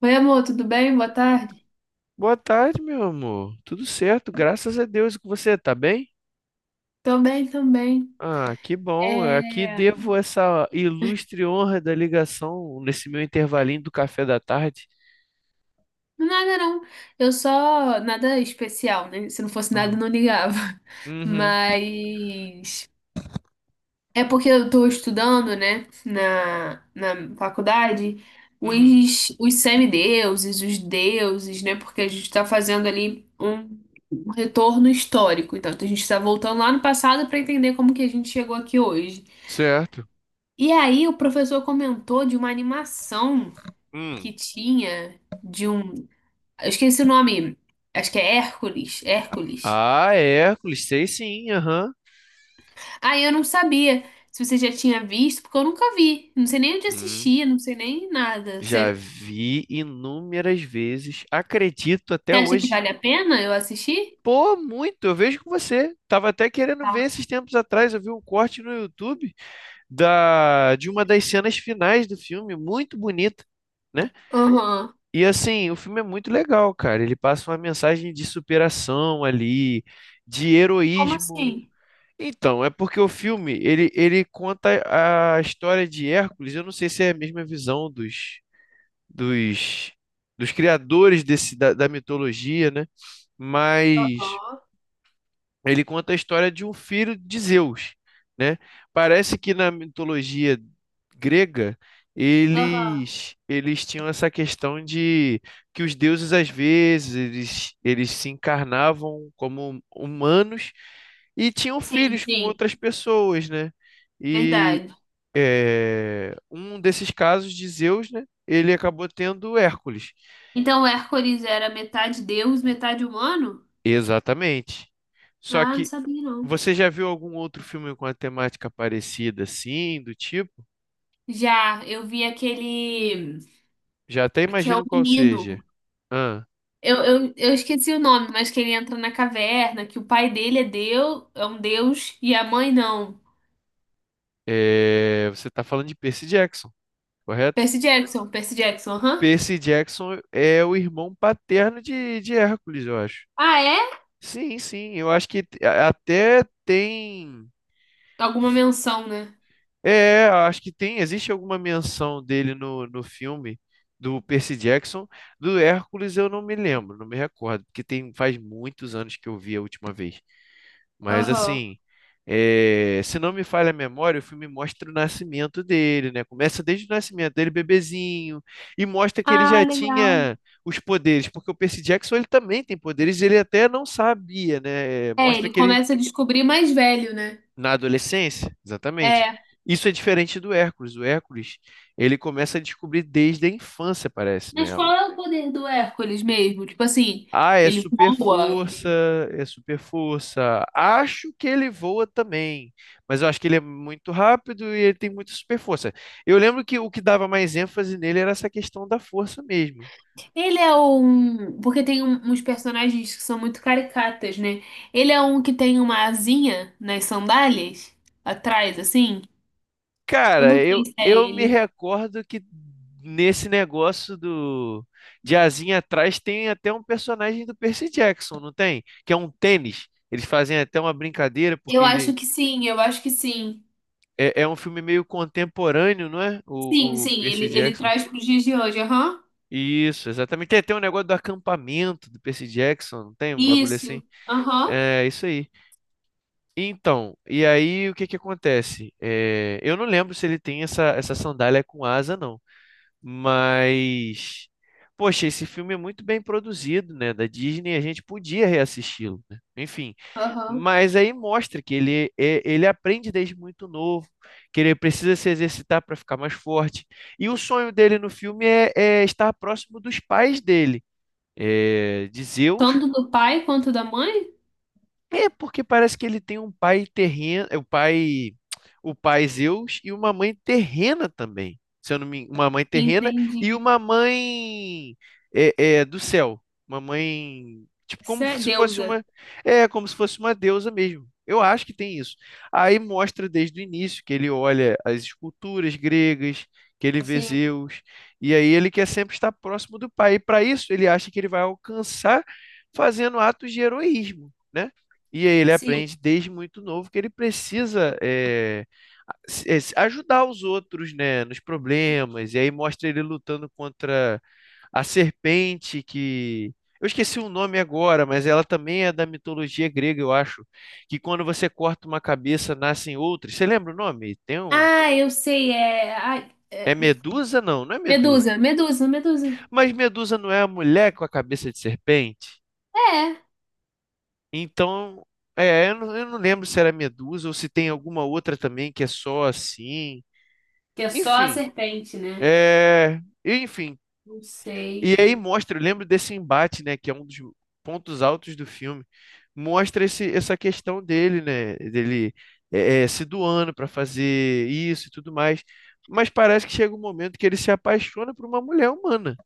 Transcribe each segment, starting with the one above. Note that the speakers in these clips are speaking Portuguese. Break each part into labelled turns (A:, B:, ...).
A: Oi, amor, tudo bem? Boa tarde.
B: Boa tarde, meu amor. Tudo certo, graças a Deus. E com você tá bem?
A: Tô bem também.
B: Ah, que bom. Eu aqui
A: É...
B: devo essa ilustre honra da ligação nesse meu intervalinho do café da tarde.
A: Nada não. Eu só. Nada especial, né? Se não fosse nada,
B: Ah.
A: eu não ligava.
B: Uhum,
A: Mas. É porque eu tô estudando, né? Na faculdade,
B: uhum.
A: os semideuses, os deuses, né? Porque a gente tá fazendo ali um, um retorno histórico. Então, a gente tá voltando lá no passado pra entender como que a gente chegou aqui hoje.
B: Certo.
A: E aí, o professor comentou de uma animação
B: Hum.
A: que tinha de um. Eu esqueci o nome. Acho que é Hércules. Hércules.
B: Ah, é, Hércules, sei sim, aham.
A: Ah, eu não sabia se você já tinha visto, porque eu nunca vi. Não sei nem onde
B: Hum.
A: assistir, não sei nem nada.
B: Já
A: Você
B: vi inúmeras vezes, acredito até
A: você acha que
B: hoje.
A: vale a pena eu assistir?
B: Pô, muito, eu vejo com você. Tava até querendo
A: Tá.
B: ver esses tempos atrás, eu vi um corte no YouTube de uma das cenas finais do filme, muito bonita, né?
A: Aham.
B: E assim, o filme é muito legal, cara. Ele passa uma mensagem de superação ali, de
A: Como
B: heroísmo.
A: assim?
B: Então, é porque o filme, ele conta a história de Hércules. Eu não sei se é a mesma visão dos, dos criadores da mitologia, né? Mas
A: Aham.
B: ele conta a história de um filho de Zeus, né? Parece que na mitologia grega
A: Aham.
B: eles tinham essa questão de que os deuses às vezes eles, eles se encarnavam como humanos e tinham
A: Sim,
B: filhos com
A: sim.
B: outras pessoas, né? E
A: Verdade.
B: é um desses casos de Zeus, né? Ele acabou tendo Hércules.
A: Então, o Hércules era metade deus, metade humano?
B: Exatamente. Só
A: Ah, não
B: que
A: sabia não.
B: você já viu algum outro filme com a temática parecida, assim, do tipo?
A: Já, eu vi aquele
B: Já até
A: que é o
B: imagino qual seja.
A: menino.
B: Ah,
A: Eu esqueci o nome, mas que ele entra na caverna, que o pai dele é Deus, é um deus, e a mãe não.
B: é, você está falando de Percy Jackson, correto?
A: Percy Jackson, Percy Jackson, aham.
B: Percy Jackson é o irmão paterno de Hércules, eu acho.
A: Ah, é?
B: Sim, sim, eu acho que até tem.
A: Alguma menção, né?
B: É, acho que tem. Existe alguma menção dele no filme do Percy Jackson. Do Hércules eu não me lembro, não me recordo, porque tem, faz muitos anos que eu vi a última vez. Mas
A: Aham.
B: assim, se não me falha a memória, o filme mostra o nascimento dele, né? Começa desde o nascimento dele, bebezinho, e mostra que ele
A: Ah,
B: já
A: legal.
B: tinha os poderes, porque o Percy Jackson ele também tem poderes, ele até não sabia, né?
A: É,
B: Mostra
A: ele
B: que ele
A: começa a descobrir mais velho, né?
B: na adolescência, exatamente.
A: É.
B: Isso é diferente do Hércules. O Hércules, ele começa a descobrir desde a infância, parece, né?
A: Mas qual é o poder do Hércules mesmo? Tipo assim,
B: Ah, é
A: ele
B: super
A: voa,
B: força,
A: ele.
B: é super força. Acho que ele voa também, mas eu acho que ele é muito rápido e ele tem muita super força. Eu lembro que o que dava mais ênfase nele era essa questão da força mesmo.
A: Ele é um. Porque tem uns personagens que são muito caricatas, né? Ele é um que tem uma asinha nas sandálias, atrás, assim. Eu
B: Cara,
A: não
B: eu,
A: sei se é
B: eu me
A: ele.
B: recordo que nesse negócio do de asinha atrás tem até um personagem do Percy Jackson, não tem? Que é um tênis. Eles fazem até uma brincadeira porque
A: Eu
B: ele
A: acho que sim, eu acho que sim.
B: é um filme meio contemporâneo, não é?
A: Sim,
B: O
A: sim, ele,
B: Percy
A: ele
B: Jackson.
A: traz para os dias de hoje, aham.
B: Isso, exatamente. Tem um negócio do acampamento do Percy Jackson, não tem um bagulho assim?
A: Isso, aham,
B: É isso aí. Então, e aí o que que acontece? É, eu não lembro se ele tem essa sandália com asa, não. Mas, poxa, esse filme é muito bem produzido, né? Da Disney, a gente podia reassisti-lo, né? Enfim.
A: aham.
B: Mas aí mostra que ele aprende desde muito novo, que ele precisa se exercitar para ficar mais forte. E o sonho dele no filme é estar próximo dos pais dele, é, de Zeus.
A: Tanto do pai quanto da mãe?
B: É porque parece que ele tem um pai terreno, o pai Zeus e uma mãe terrena também. Se eu não me, Uma mãe terrena e
A: Entendi.
B: uma mãe, é, do céu, uma mãe tipo
A: Isso
B: como
A: é
B: se fosse
A: deusa.
B: uma, é como se fosse uma deusa mesmo. Eu acho que tem isso. Aí mostra desde o início que ele olha as esculturas gregas, que ele vê
A: Sim,
B: Zeus, e aí ele quer sempre estar próximo do pai. E para isso ele acha que ele vai alcançar fazendo atos de heroísmo, né? E aí ele
A: sim.
B: aprende desde muito novo que ele precisa ajudar os outros, né, nos problemas. E aí mostra ele lutando contra a serpente que eu esqueci o nome agora, mas ela também é da mitologia grega, eu acho, que quando você corta uma cabeça nascem outras. Você lembra o nome? Tem um
A: Ah, eu sei,
B: É Medusa? Não, não é Medusa.
A: Medusa, Medusa, Medusa.
B: Mas Medusa não é a mulher com a cabeça de serpente?
A: É,
B: Então, eu não lembro se era Medusa ou se tem alguma outra também que é só assim.
A: que é só a
B: Enfim,
A: serpente, né?
B: enfim.
A: Não
B: E
A: sei.
B: aí mostra, eu lembro desse embate, né, que é um dos pontos altos do filme. Mostra essa questão dele, né, dele se doando para fazer isso e tudo mais. Mas parece que chega um momento que ele se apaixona por uma mulher humana.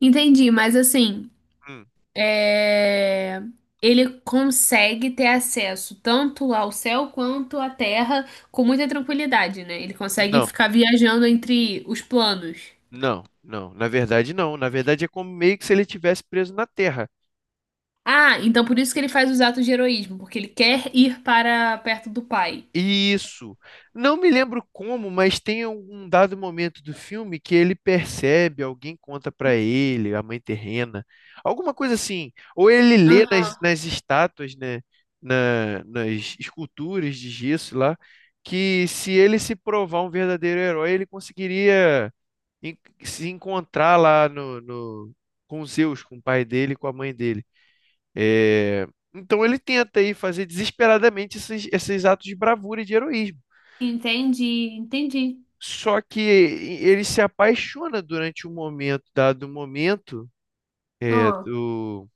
A: Entendi, mas assim,
B: Hum.
A: é, ele consegue ter acesso tanto ao céu quanto à terra com muita tranquilidade, né? Ele consegue
B: Não,
A: ficar viajando entre os planos.
B: não, não. Na verdade, não. Na verdade, é como meio que se ele tivesse preso na Terra.
A: Ah, então por isso que ele faz os atos de heroísmo, porque ele quer ir para perto do pai.
B: Isso. Não me lembro como, mas tem um dado momento do filme que ele percebe, alguém conta pra ele, a mãe terrena, alguma coisa assim. Ou ele lê nas,
A: Aham.
B: nas estátuas, né, nas esculturas de gesso lá, que se ele se provar um verdadeiro herói, ele conseguiria en- se encontrar lá com Zeus, com o pai dele, e com a mãe dele. É, Então ele tenta aí fazer desesperadamente esses atos de bravura e de heroísmo.
A: Entendi, entendi.
B: Só que ele se apaixona durante o momento, dado o momento é,
A: Ó.
B: do,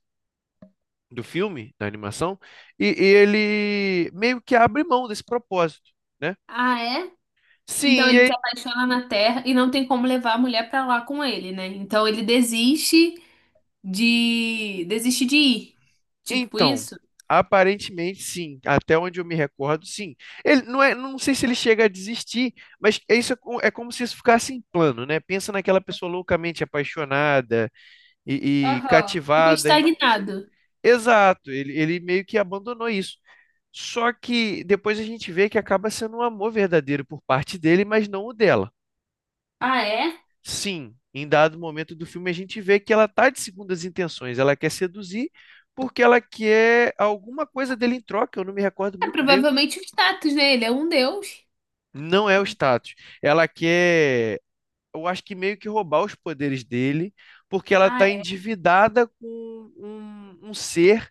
B: do filme, da animação, e ele meio que abre mão desse propósito, né?
A: Ah, é? Então
B: Sim,
A: ele se apaixona na terra e não tem como levar a mulher pra lá com ele, né? Então ele desiste de ir. Tipo
B: então,
A: isso?
B: aparentemente sim, até onde eu me recordo, sim. Ele não é, não sei se ele chega a desistir, mas é isso, é como se isso ficasse em plano, né? Pensa naquela pessoa loucamente apaixonada e
A: Aham. Ficou
B: cativada.
A: estagnado.
B: Exato, ele meio que abandonou isso. Só que depois a gente vê que acaba sendo um amor verdadeiro por parte dele, mas não o dela.
A: Ah, é?
B: Sim, em dado momento do filme a gente vê que ela tá de segundas intenções, ela quer seduzir porque ela quer alguma coisa dele em troca, eu não me recordo
A: É
B: muito bem,
A: provavelmente o status, né? Ele é um deus.
B: não é o status. Ela quer, eu acho que meio que roubar os poderes dele, porque ela
A: Ah,
B: tá
A: é.
B: endividada com um ser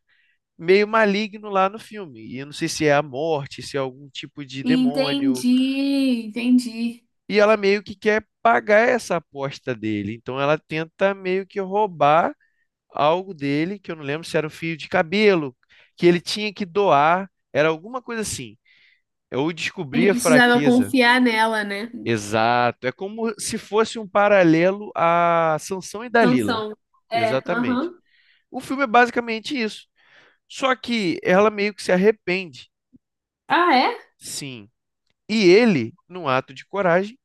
B: meio maligno lá no filme. E eu não sei se é a morte, se é algum tipo de demônio,
A: Entendi, entendi.
B: e ela meio que quer pagar essa aposta dele. Então ela tenta meio que roubar algo dele, que eu não lembro se era um fio de cabelo, que ele tinha que doar, era alguma coisa assim. Eu
A: Ele
B: descobri a
A: precisava
B: fraqueza.
A: confiar nela, né?
B: Exato. É como se fosse um paralelo a Sansão e Dalila.
A: Sansão. É,
B: Exatamente.
A: aham.
B: O filme é basicamente isso. Só que ela meio que se arrepende,
A: Ah, é?
B: sim. E ele, num ato de coragem,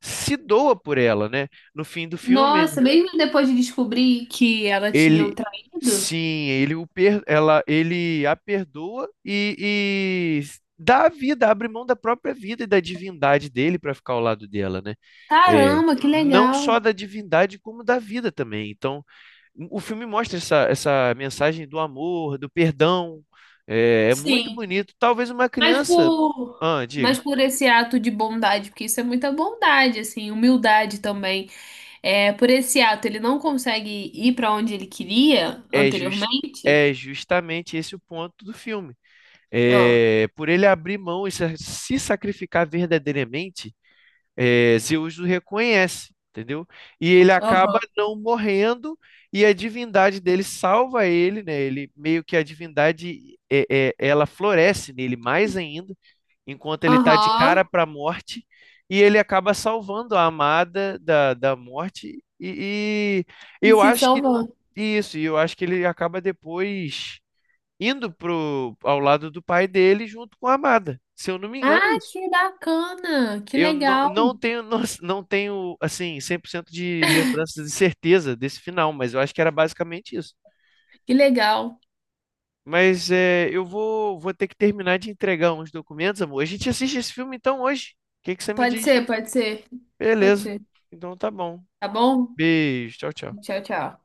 B: se doa por ela, né? No fim do filme,
A: Nossa, mesmo depois de descobrir que ela tinha o
B: ele,
A: traído?
B: sim, ele a perdoa e dá a vida, abre mão da própria vida e da divindade dele para ficar ao lado dela, né? É,
A: Caramba, que
B: não
A: legal.
B: só da divindade como da vida também. Então, o filme mostra essa mensagem do amor, do perdão. É, é muito
A: Sim,
B: bonito. Talvez uma
A: mas
B: criança,
A: por,
B: ah,
A: mas
B: diga,
A: por esse ato de bondade, porque isso é muita bondade, assim, humildade também. É, por esse ato, ele não consegue ir para onde ele queria
B: é jus-
A: anteriormente?
B: é justamente esse o ponto do filme.
A: Ah.
B: É, por ele abrir mão e se sacrificar verdadeiramente. É, Zeus o reconhece, entendeu? E ele acaba
A: Aham.
B: não morrendo e a divindade dele salva ele, né? Ele meio que a divindade ela floresce nele mais ainda, enquanto ele está de
A: Aham.
B: cara para a morte e ele acaba salvando a amada da morte e
A: E
B: eu
A: se
B: acho que
A: salvou.
B: isso, e eu acho que ele acaba depois indo ao lado do pai dele junto com a amada. Se eu não me
A: Ah,
B: engano, é isso.
A: que bacana! Que
B: Eu não,
A: legal!
B: não tenho, não tenho, assim, 100% de lembranças de certeza desse final, mas eu acho que era basicamente isso.
A: Que legal!
B: Mas eu vou ter que terminar de entregar uns documentos, amor. A gente assiste esse filme então hoje. O que que você me
A: Pode
B: diz?
A: ser, pode ser, pode
B: Beleza.
A: ser.
B: Então tá bom.
A: Tá bom?
B: Beijo. Tchau, tchau.
A: Tchau, tchau.